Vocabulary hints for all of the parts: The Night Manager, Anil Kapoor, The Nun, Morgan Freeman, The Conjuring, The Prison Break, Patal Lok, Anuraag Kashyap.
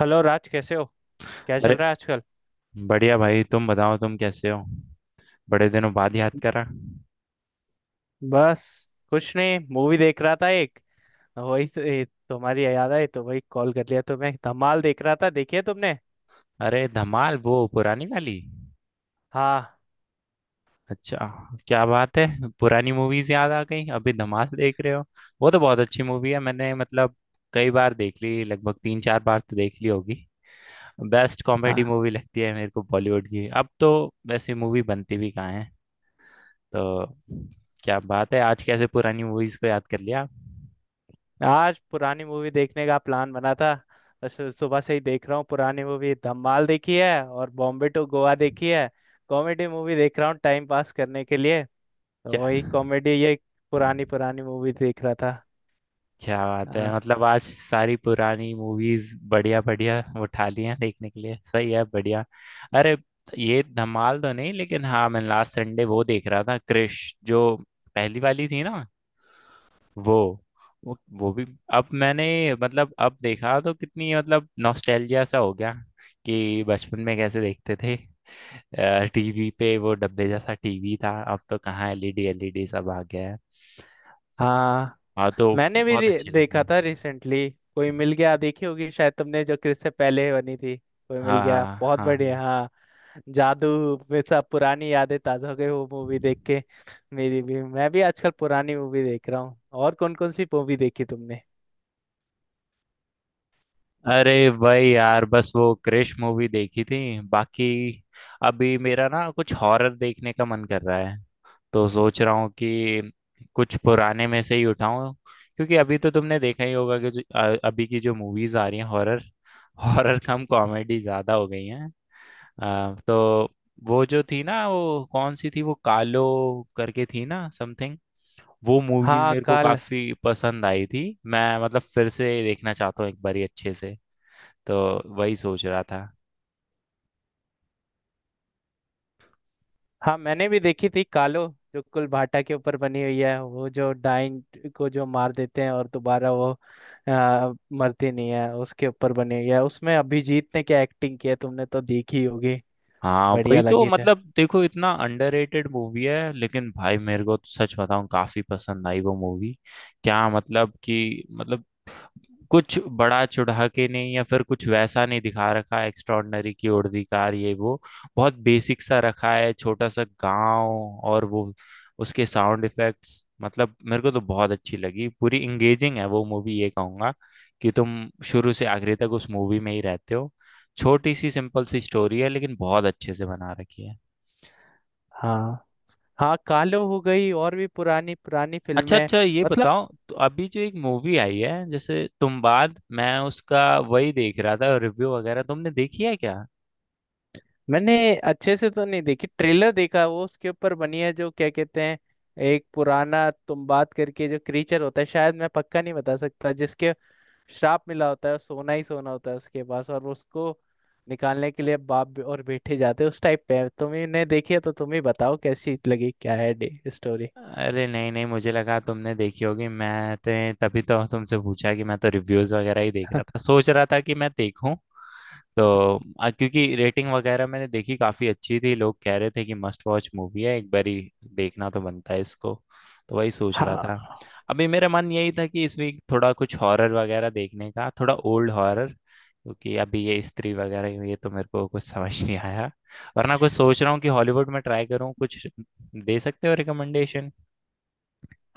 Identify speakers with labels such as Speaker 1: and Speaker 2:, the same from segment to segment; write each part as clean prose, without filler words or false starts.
Speaker 1: Hello Raj, कैसे हो? क्या चल
Speaker 2: अरे
Speaker 1: रहा है आजकल?
Speaker 2: बढ़िया भाई, तुम बताओ तुम कैसे हो। बड़े दिनों बाद याद करा।
Speaker 1: बस कुछ नहीं, मूवी देख रहा था एक। वही तो, ये तुम्हारी याद आई तो वही कॉल कर लिया तुम्हें। धमाल देख रहा था, देखी है तुमने?
Speaker 2: अरे, धमाल वो पुरानी वाली?
Speaker 1: हाँ।
Speaker 2: अच्छा। क्या बात है, पुरानी मूवीज याद आ गई अभी धमाल देख रहे हो। वो तो बहुत अच्छी मूवी है, मैंने मतलब कई बार देख ली, लगभग तीन चार बार तो देख ली होगी। बेस्ट कॉमेडी
Speaker 1: हाँ,
Speaker 2: मूवी लगती है मेरे को बॉलीवुड की, अब तो वैसे मूवी बनती भी कहाँ है। तो क्या बात है, आज कैसे पुरानी मूवीज को याद कर लिया आप?
Speaker 1: आज पुरानी मूवी देखने का प्लान बना था। बस सुबह से ही देख रहा हूँ पुरानी मूवी। धमाल देखी है और बॉम्बे टू गोवा देखी है। कॉमेडी मूवी देख रहा हूँ टाइम पास करने के लिए। तो
Speaker 2: क्या,
Speaker 1: वही कॉमेडी, ये पुरानी पुरानी मूवी देख रहा था।
Speaker 2: क्या बात है,
Speaker 1: हाँ।
Speaker 2: मतलब आज सारी पुरानी मूवीज बढ़िया बढ़िया उठा ली हैं देखने के लिए, सही है, बढ़िया। अरे, ये धमाल तो नहीं, लेकिन हाँ मैं लास्ट संडे वो देख रहा था, क्रिश जो पहली वाली थी ना, वो वो भी, अब मैंने मतलब अब देखा तो कितनी मतलब नॉस्टैल्जिया सा हो गया कि बचपन में कैसे देखते थे। टीवी पे वो डब्बे जैसा टीवी था, अब तो कहाँ, एलईडी एलईडी सब आ गया है।
Speaker 1: हाँ,
Speaker 2: हाँ तो
Speaker 1: मैंने भी
Speaker 2: बहुत अच्छी
Speaker 1: देखा
Speaker 2: लगी।
Speaker 1: था रिसेंटली। कोई मिल गया देखी होगी शायद तुमने, जो क्रिस से पहले बनी थी, कोई मिल
Speaker 2: हाँ
Speaker 1: गया,
Speaker 2: हाँ
Speaker 1: बहुत
Speaker 2: हाँ
Speaker 1: बढ़िया
Speaker 2: हाँ।
Speaker 1: हाँ। जादू में सब पुरानी यादें ताजा हो गई वो मूवी देख के। मेरी भी मैं भी आजकल पुरानी मूवी देख रहा हूँ। और कौन कौन सी मूवी देखी तुमने?
Speaker 2: अरे भाई यार, बस वो क्रिश मूवी देखी थी, बाकी अभी मेरा ना कुछ हॉरर देखने का मन कर रहा है, तो सोच रहा हूँ कि कुछ पुराने में से ही उठाऊं, क्योंकि अभी तो तुमने देखा ही होगा कि अभी की जो मूवीज आ रही हैं हॉरर, हॉरर कम कॉमेडी ज्यादा हो गई हैं। तो वो जो थी ना, वो कौन सी थी, वो कालो करके थी ना समथिंग, वो मूवी
Speaker 1: हाँ
Speaker 2: मेरे को
Speaker 1: काल।
Speaker 2: काफी पसंद आई थी। मैं मतलब फिर से देखना चाहता हूँ एक बार अच्छे से, तो वही सोच रहा था।
Speaker 1: हाँ मैंने भी देखी थी कालो, जो कुलभाटा के ऊपर बनी हुई है। वो जो डाइन को जो मार देते हैं और दोबारा वो मरती नहीं है, उसके ऊपर बनी हुई है। उसमें अभिजीत ने क्या एक्टिंग की है, तुमने तो देखी होगी।
Speaker 2: हाँ
Speaker 1: बढ़िया
Speaker 2: वही तो,
Speaker 1: लगी थी।
Speaker 2: मतलब देखो, इतना अंडररेटेड मूवी है लेकिन भाई, मेरे को तो सच बताऊँ, काफी पसंद आई वो मूवी। क्या मतलब कि मतलब कुछ बड़ा चढ़ा के नहीं या फिर कुछ वैसा नहीं दिखा रखा है, एक्स्ट्रॉर्डनरी की उर्दीकार ये वो, बहुत बेसिक सा रखा है, छोटा सा गांव, और वो उसके साउंड इफेक्ट्स, मतलब मेरे को तो बहुत अच्छी लगी, पूरी इंगेजिंग है वो मूवी। ये कहूंगा कि तुम शुरू से आखिरी तक उस मूवी में ही रहते हो। छोटी सी सिंपल सी स्टोरी है लेकिन बहुत अच्छे से बना रखी है।
Speaker 1: हाँ। हाँ कालो हो गई और भी पुरानी पुरानी
Speaker 2: अच्छा
Speaker 1: फिल्में।
Speaker 2: अच्छा, ये
Speaker 1: मतलब
Speaker 2: बताओ तो, अभी जो एक मूवी आई है जैसे तुम बाद, मैं उसका वही देख रहा था रिव्यू वगैरह, तुमने देखी है क्या?
Speaker 1: मैंने अच्छे से तो नहीं देखी, ट्रेलर देखा। वो उसके ऊपर बनी है जो क्या कहते हैं, एक पुराना तुम बात करके जो क्रीचर होता है, शायद मैं पक्का नहीं बता सकता, जिसके श्राप मिला होता है। वो सोना ही सोना होता है उसके पास और उसको निकालने के लिए बाप और बेटे जाते हैं। उस टाइप पे है। तुमने देखी है तो तुम ही बताओ कैसी लगी, क्या है डे स्टोरी।
Speaker 2: अरे नहीं नहीं, मुझे लगा तुमने देखी होगी, मैं तो, तभी तो तुमसे पूछा कि मैं तो रिव्यूज वगैरह ही देख रहा था, सोच रहा था कि मैं देखूं तो, क्योंकि रेटिंग वगैरह मैंने देखी काफी अच्छी थी, लोग कह रहे थे कि मस्ट वॉच मूवी है, एक बारी देखना तो बनता है इसको, तो वही सोच रहा था।
Speaker 1: हाँ।
Speaker 2: अभी मेरा मन यही था कि इस वीक थोड़ा कुछ हॉरर वगैरह देखने का, थोड़ा ओल्ड हॉरर, क्योंकि अभी ये स्त्री वगैरह ये तो मेरे को कुछ समझ नहीं आया, वरना कुछ सोच रहा हूँ कि हॉलीवुड में ट्राई करूँ कुछ, दे सकते हो रिकमेंडेशन।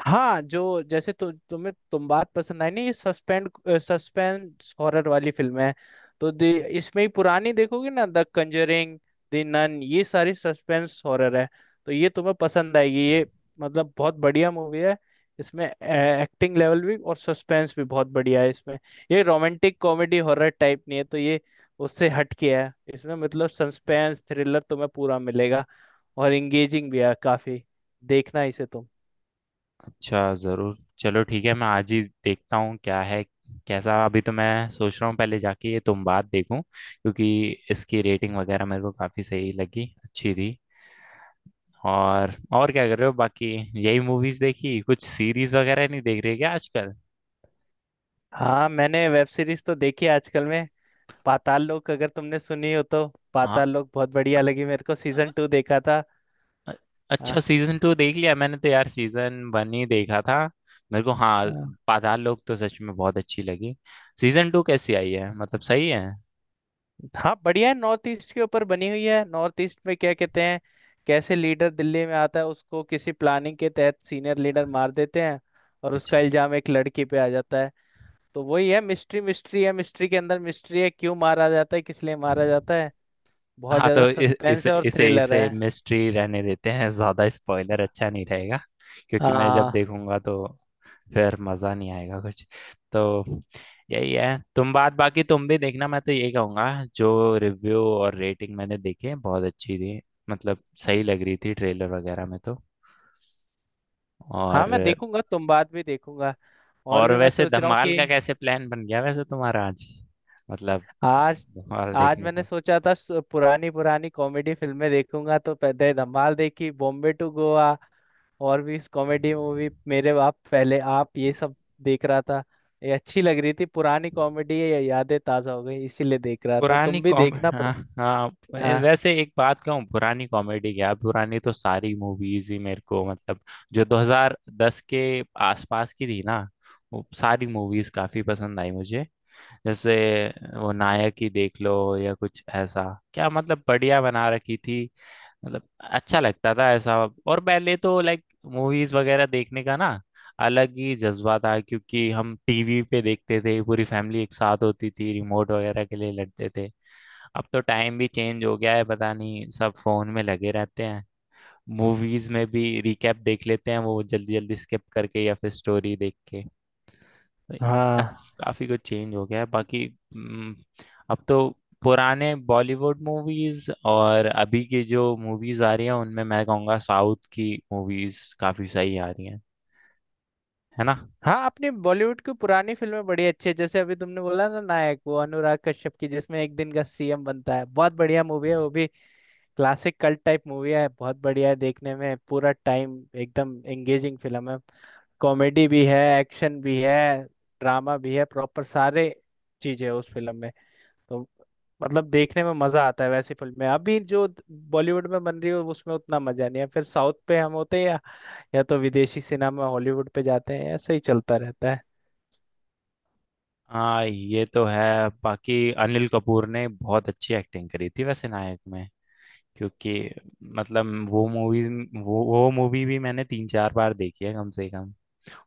Speaker 1: हाँ जो जैसे तुम्हें तुम बात पसंद आई ना, ये सस्पेंड सस्पेंस हॉरर वाली फिल्म है। तो इसमें ही पुरानी देखोगे ना, द कंजरिंग, द नन, ये सारी सस्पेंस हॉरर है। तो ये तुम्हें पसंद आएगी ये, मतलब बहुत बढ़िया मूवी है। इसमें एक्टिंग लेवल भी और सस्पेंस भी बहुत बढ़िया है इसमें। ये रोमांटिक कॉमेडी हॉरर टाइप नहीं है, तो ये उससे हटके है। इसमें मतलब सस्पेंस थ्रिलर तुम्हें पूरा मिलेगा और एंगेजिंग भी है काफी। देखना इसे तुम।
Speaker 2: अच्छा, ज़रूर, चलो ठीक है, मैं आज ही देखता हूँ क्या है कैसा, अभी तो मैं सोच रहा हूँ पहले जाके ये तुम बात देखूँ, क्योंकि इसकी रेटिंग वगैरह मेरे को काफ़ी सही लगी, अच्छी थी। और क्या कर रहे हो बाकी, यही मूवीज़ देखी, कुछ सीरीज़ वगैरह नहीं देख रहे क्या आजकल?
Speaker 1: हाँ मैंने वेब सीरीज तो देखी है आजकल में। पाताल लोक, अगर तुमने सुनी हो तो।
Speaker 2: हाँ,
Speaker 1: पाताल लोक बहुत बढ़िया लगी मेरे को,
Speaker 2: अ-
Speaker 1: सीजन टू देखा था।
Speaker 2: अ- अच्छा,
Speaker 1: हाँ
Speaker 2: सीज़न टू देख लिया, मैंने तो यार सीज़न वन ही देखा था। मेरे को, हाँ
Speaker 1: हाँ।
Speaker 2: पाताल लोक तो सच में बहुत अच्छी लगी। सीज़न टू कैसी आई है, मतलब सही है?
Speaker 1: हाँ, बढ़िया है। नॉर्थ ईस्ट के ऊपर बनी हुई है। नॉर्थ ईस्ट में क्या कहते हैं, कैसे लीडर दिल्ली में आता है, उसको किसी प्लानिंग के तहत सीनियर लीडर मार देते हैं, और उसका इल्जाम एक लड़की पे आ जाता है। तो वही है मिस्ट्री, मिस्ट्री है, मिस्ट्री के अंदर मिस्ट्री है, क्यों मारा जाता है, किस लिए मारा
Speaker 2: अच्छा।
Speaker 1: जाता है। बहुत
Speaker 2: हाँ
Speaker 1: ज्यादा
Speaker 2: तो इ-
Speaker 1: सस्पेंस
Speaker 2: इसे
Speaker 1: है और
Speaker 2: इसे
Speaker 1: थ्रिलर
Speaker 2: इसे
Speaker 1: है।
Speaker 2: मिस्ट्री रहने देते हैं, ज्यादा स्पॉइलर अच्छा नहीं रहेगा क्योंकि मैं जब
Speaker 1: हाँ।
Speaker 2: देखूंगा तो फिर मजा नहीं आएगा कुछ। तो यही है तुम बात, बाकी तुम भी देखना, मैं तो ये कहूंगा, जो रिव्यू और रेटिंग मैंने देखे बहुत अच्छी थी, मतलब सही लग रही थी ट्रेलर वगैरह में तो।
Speaker 1: हाँ
Speaker 2: और
Speaker 1: मैं देखूंगा, तुम बात भी देखूंगा। और
Speaker 2: और
Speaker 1: भी मैं
Speaker 2: वैसे
Speaker 1: सोच रहा हूँ
Speaker 2: धमाल
Speaker 1: कि
Speaker 2: का कैसे प्लान बन गया वैसे तुम्हारा आज, मतलब
Speaker 1: आज।
Speaker 2: धमाल
Speaker 1: आज
Speaker 2: देखने।
Speaker 1: मैंने सोचा था पुरानी पुरानी कॉमेडी फिल्में देखूंगा। तो पहले धमाल देखी, बॉम्बे टू गोवा, और भी कॉमेडी मूवी, मेरे बाप पहले आप, ये सब देख रहा था। ये अच्छी लग रही थी, पुरानी कॉमेडी है ये, यादें ताजा हो गई, इसीलिए देख रहा था।
Speaker 2: पुरानी
Speaker 1: तुम भी
Speaker 2: कॉम,
Speaker 1: देखना पर।
Speaker 2: हाँ हाँ,
Speaker 1: हाँ।
Speaker 2: वैसे एक बात कहूँ, पुरानी कॉमेडी क्या, पुरानी तो सारी मूवीज ही मेरे को, मतलब जो 2010 के आसपास की थी ना, वो सारी मूवीज काफी पसंद आई मुझे। जैसे वो नायक ही देख लो या कुछ ऐसा, क्या मतलब, बढ़िया बना रखी थी, मतलब अच्छा लगता था ऐसा। और पहले तो लाइक मूवीज वगैरह देखने का ना अलग ही जज्बा था, क्योंकि हम टीवी पे देखते थे, पूरी फैमिली एक साथ होती थी, रिमोट वगैरह के लिए लड़ते थे। अब तो टाइम भी चेंज हो गया है, पता नहीं सब फोन में लगे रहते हैं, मूवीज में भी रिकैप देख लेते हैं, वो जल्दी जल्दी स्किप करके या फिर स्टोरी देख के, तो ये
Speaker 1: हाँ।
Speaker 2: काफी कुछ चेंज हो गया है बाकी। हम्म, अब तो पुराने बॉलीवुड मूवीज और अभी की जो मूवीज आ रही हैं, उनमें मैं कहूँगा साउथ की मूवीज काफी सही आ रही हैं, है ना।
Speaker 1: हाँ अपनी बॉलीवुड की पुरानी फिल्में बड़ी अच्छी है। जैसे अभी तुमने बोला ना नायक, वो अनुराग कश्यप की, जिसमें एक दिन का सीएम बनता है, बहुत बढ़िया मूवी है वो भी। क्लासिक कल्ट टाइप मूवी है, बहुत बढ़िया है, देखने में पूरा टाइम एकदम एंगेजिंग फिल्म है। कॉमेडी भी है, एक्शन भी है, ड्रामा भी है, प्रॉपर सारे चीजें उस फिल्म में। तो मतलब देखने में मजा आता है वैसी फिल्म में। अभी जो बॉलीवुड में बन रही है उसमें उतना मजा नहीं है, फिर साउथ पे हम होते हैं या तो विदेशी सिनेमा हॉलीवुड पे जाते हैं, ऐसे ही चलता रहता है।
Speaker 2: हाँ ये तो है, बाकी अनिल कपूर ने बहुत अच्छी एक्टिंग करी थी वैसे नायक में, क्योंकि मतलब वो मूवी, वो मूवी भी मैंने तीन चार बार देखी है कम से कम।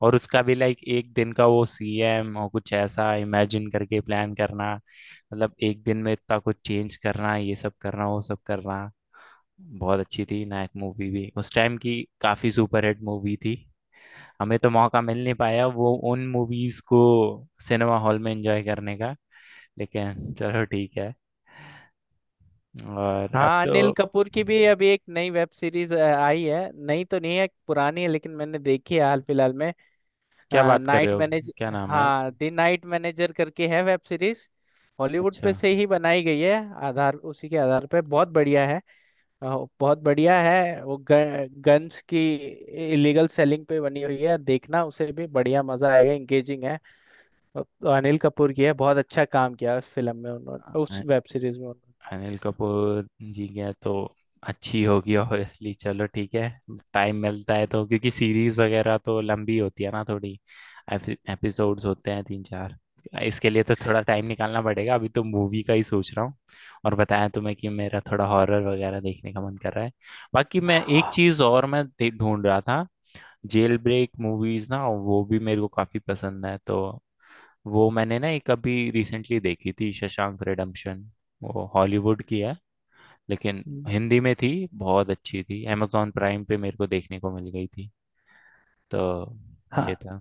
Speaker 2: और उसका भी लाइक एक दिन का वो सीएम और कुछ ऐसा इमेजिन करके प्लान करना, मतलब एक दिन में इतना कुछ चेंज करना, ये सब करना वो सब करना, बहुत अच्छी थी नायक मूवी भी, उस टाइम की काफी सुपरहिट मूवी थी। हमें तो मौका मिल नहीं पाया वो उन मूवीज को सिनेमा हॉल में एंजॉय करने का, लेकिन चलो ठीक है। और अब
Speaker 1: हाँ
Speaker 2: तो
Speaker 1: अनिल कपूर की भी अभी एक नई वेब सीरीज आई है। नई तो नहीं है पुरानी है, लेकिन मैंने देखी है हाल फिलहाल में।
Speaker 2: क्या बात कर रहे
Speaker 1: नाइट
Speaker 2: हो,
Speaker 1: मैनेज।
Speaker 2: क्या नाम है
Speaker 1: हाँ
Speaker 2: इसका?
Speaker 1: द नाइट मैनेजर करके है वेब सीरीज। हॉलीवुड
Speaker 2: अच्छा,
Speaker 1: पे से ही बनाई गई है, आधार उसी के आधार पे। बहुत बढ़िया है। अ, बहुत बढ़िया है। वो गन्स की इलीगल सेलिंग पे बनी हुई है। देखना उसे भी, बढ़िया मजा आएगा, इंगेजिंग है। अ, अनिल कपूर की है, बहुत अच्छा काम किया उस फिल्म में उन्होंने, उस
Speaker 2: अ-
Speaker 1: वेब सीरीज में उन्होंने।
Speaker 2: अनिल कपूर जी गया तो अच्छी होगी ऑब्वियसली, चलो ठीक है, टाइम मिलता है तो, क्योंकि सीरीज वगैरह तो लंबी होती है ना थोड़ी, एपिसोड्स होते हैं तीन चार, इसके लिए तो थोड़ा टाइम निकालना पड़ेगा, अभी तो मूवी का ही सोच रहा हूँ। और बताया तुम्हें कि मेरा थोड़ा हॉरर वगैरह देखने का मन कर रहा है। बाकी मैं एक
Speaker 1: हाँ।
Speaker 2: चीज़ और मैं ढूंढ रहा था, जेल ब्रेक मूवीज ना, वो भी मेरे को काफी पसंद है, तो वो मैंने ना एक अभी रिसेंटली देखी थी, शशांक रिडेम्पशन, वो हॉलीवुड की है लेकिन
Speaker 1: हम्म,
Speaker 2: हिंदी में थी, बहुत अच्छी थी, amazon प्राइम पे मेरे को देखने को मिल गई थी, तो
Speaker 1: हाँ।
Speaker 2: ये था।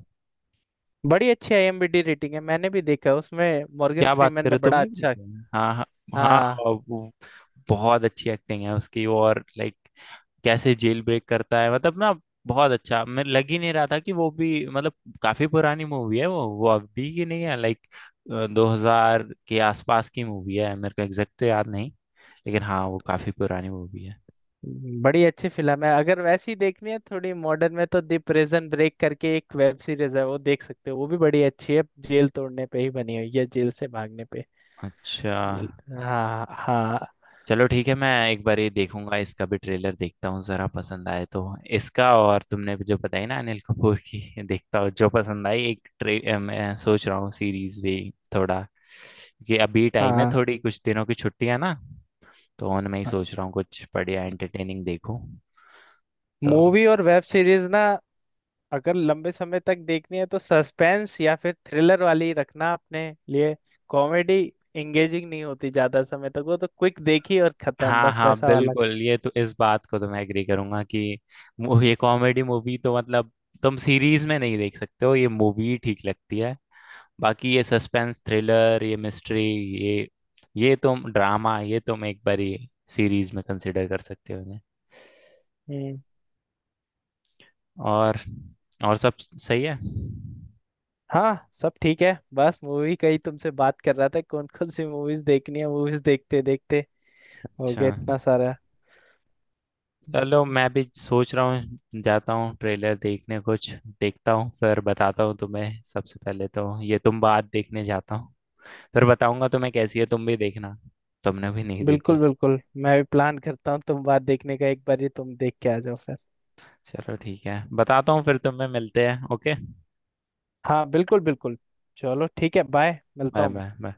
Speaker 1: बड़ी अच्छी आईएमबी रेटिंग है, मैंने भी देखा, उसमें मॉर्गन
Speaker 2: क्या बात
Speaker 1: फ्रीमैन
Speaker 2: कर रहे
Speaker 1: ने
Speaker 2: हो,
Speaker 1: बड़ा
Speaker 2: तुमने भी
Speaker 1: अच्छा।
Speaker 2: देखी है ना? हाँ हाँ हाँ,
Speaker 1: हाँ।
Speaker 2: वो बहुत अच्छी एक्टिंग है उसकी, और लाइक कैसे जेल ब्रेक करता है मतलब ना, बहुत अच्छा, मैं लग ही नहीं रहा था कि वो भी मतलब, काफी पुरानी मूवी है वो अभी की नहीं है, लाइक 2000 के आसपास की मूवी है, मेरे को एग्जैक्ट तो याद नहीं, लेकिन हाँ वो काफी पुरानी मूवी है।
Speaker 1: बड़ी अच्छी फिल्म है। अगर वैसी देखनी है थोड़ी मॉडर्न में तो द प्रिजन ब्रेक करके एक वेब सीरीज है, वो देख सकते हो, वो भी बड़ी अच्छी है। जेल तोड़ने पे ही बनी हुई है, जेल से भागने पे।
Speaker 2: अच्छा,
Speaker 1: ल- हाँ हाँ।
Speaker 2: चलो ठीक है, मैं एक बार ये देखूंगा, इसका भी ट्रेलर देखता हूँ जरा, पसंद आए तो, इसका और तुमने जो बताई ना अनिल कपूर की देखता हूँ, जो पसंद आई, एक मैं सोच रहा हूँ सीरीज भी थोड़ा, क्योंकि अभी टाइम है
Speaker 1: हाँ
Speaker 2: थोड़ी, कुछ दिनों की छुट्टियां ना, तो उनमें ही सोच रहा हूँ कुछ बढ़िया एंटरटेनिंग देखूँ तो।
Speaker 1: मूवी और वेब सीरीज ना, अगर लंबे समय तक देखनी है तो सस्पेंस या फिर थ्रिलर वाली रखना अपने लिए। कॉमेडी एंगेजिंग नहीं होती ज्यादा समय तक, वो तो क्विक देखी और खत्म,
Speaker 2: हाँ
Speaker 1: बस
Speaker 2: हाँ
Speaker 1: वैसा वाला।
Speaker 2: बिल्कुल, ये तो इस बात को तो मैं एग्री करूंगा कि ये कॉमेडी मूवी तो मतलब तुम सीरीज में नहीं देख सकते हो, ये मूवी ठीक लगती है। बाकी ये सस्पेंस थ्रिलर, ये मिस्ट्री, ये ये तुम ड्रामा, ये तुम एक बारी सीरीज में कंसिडर कर सकते हो इन्हें। और और सब सही है।
Speaker 1: हाँ सब ठीक है। बस मूवी का ही तुमसे बात कर रहा था, कौन कौन सी मूवीज देखनी है, मूवीज देखते देखते हो
Speaker 2: अच्छा,
Speaker 1: गया इतना सारा।
Speaker 2: चलो मैं भी सोच रहा हूँ, जाता हूँ ट्रेलर देखने, कुछ देखता हूँ फिर बताता हूँ तुम्हें, सबसे पहले तो ये तुम बात देखने जाता हूँ, फिर बताऊंगा तुम्हें कैसी है, तुम भी देखना, तुमने भी नहीं देखी
Speaker 1: बिल्कुल
Speaker 2: है।
Speaker 1: बिल्कुल। मैं भी प्लान करता हूँ तुम बात देखने का, एक बार ही तुम देख के आ जाओ फिर।
Speaker 2: चलो ठीक है, बताता हूँ, फिर तुम्हें मिलते हैं, ओके,
Speaker 1: हाँ बिल्कुल बिल्कुल। चलो ठीक है, बाय, मिलता
Speaker 2: बाय
Speaker 1: हूँ
Speaker 2: बाय
Speaker 1: मैं।
Speaker 2: बाय।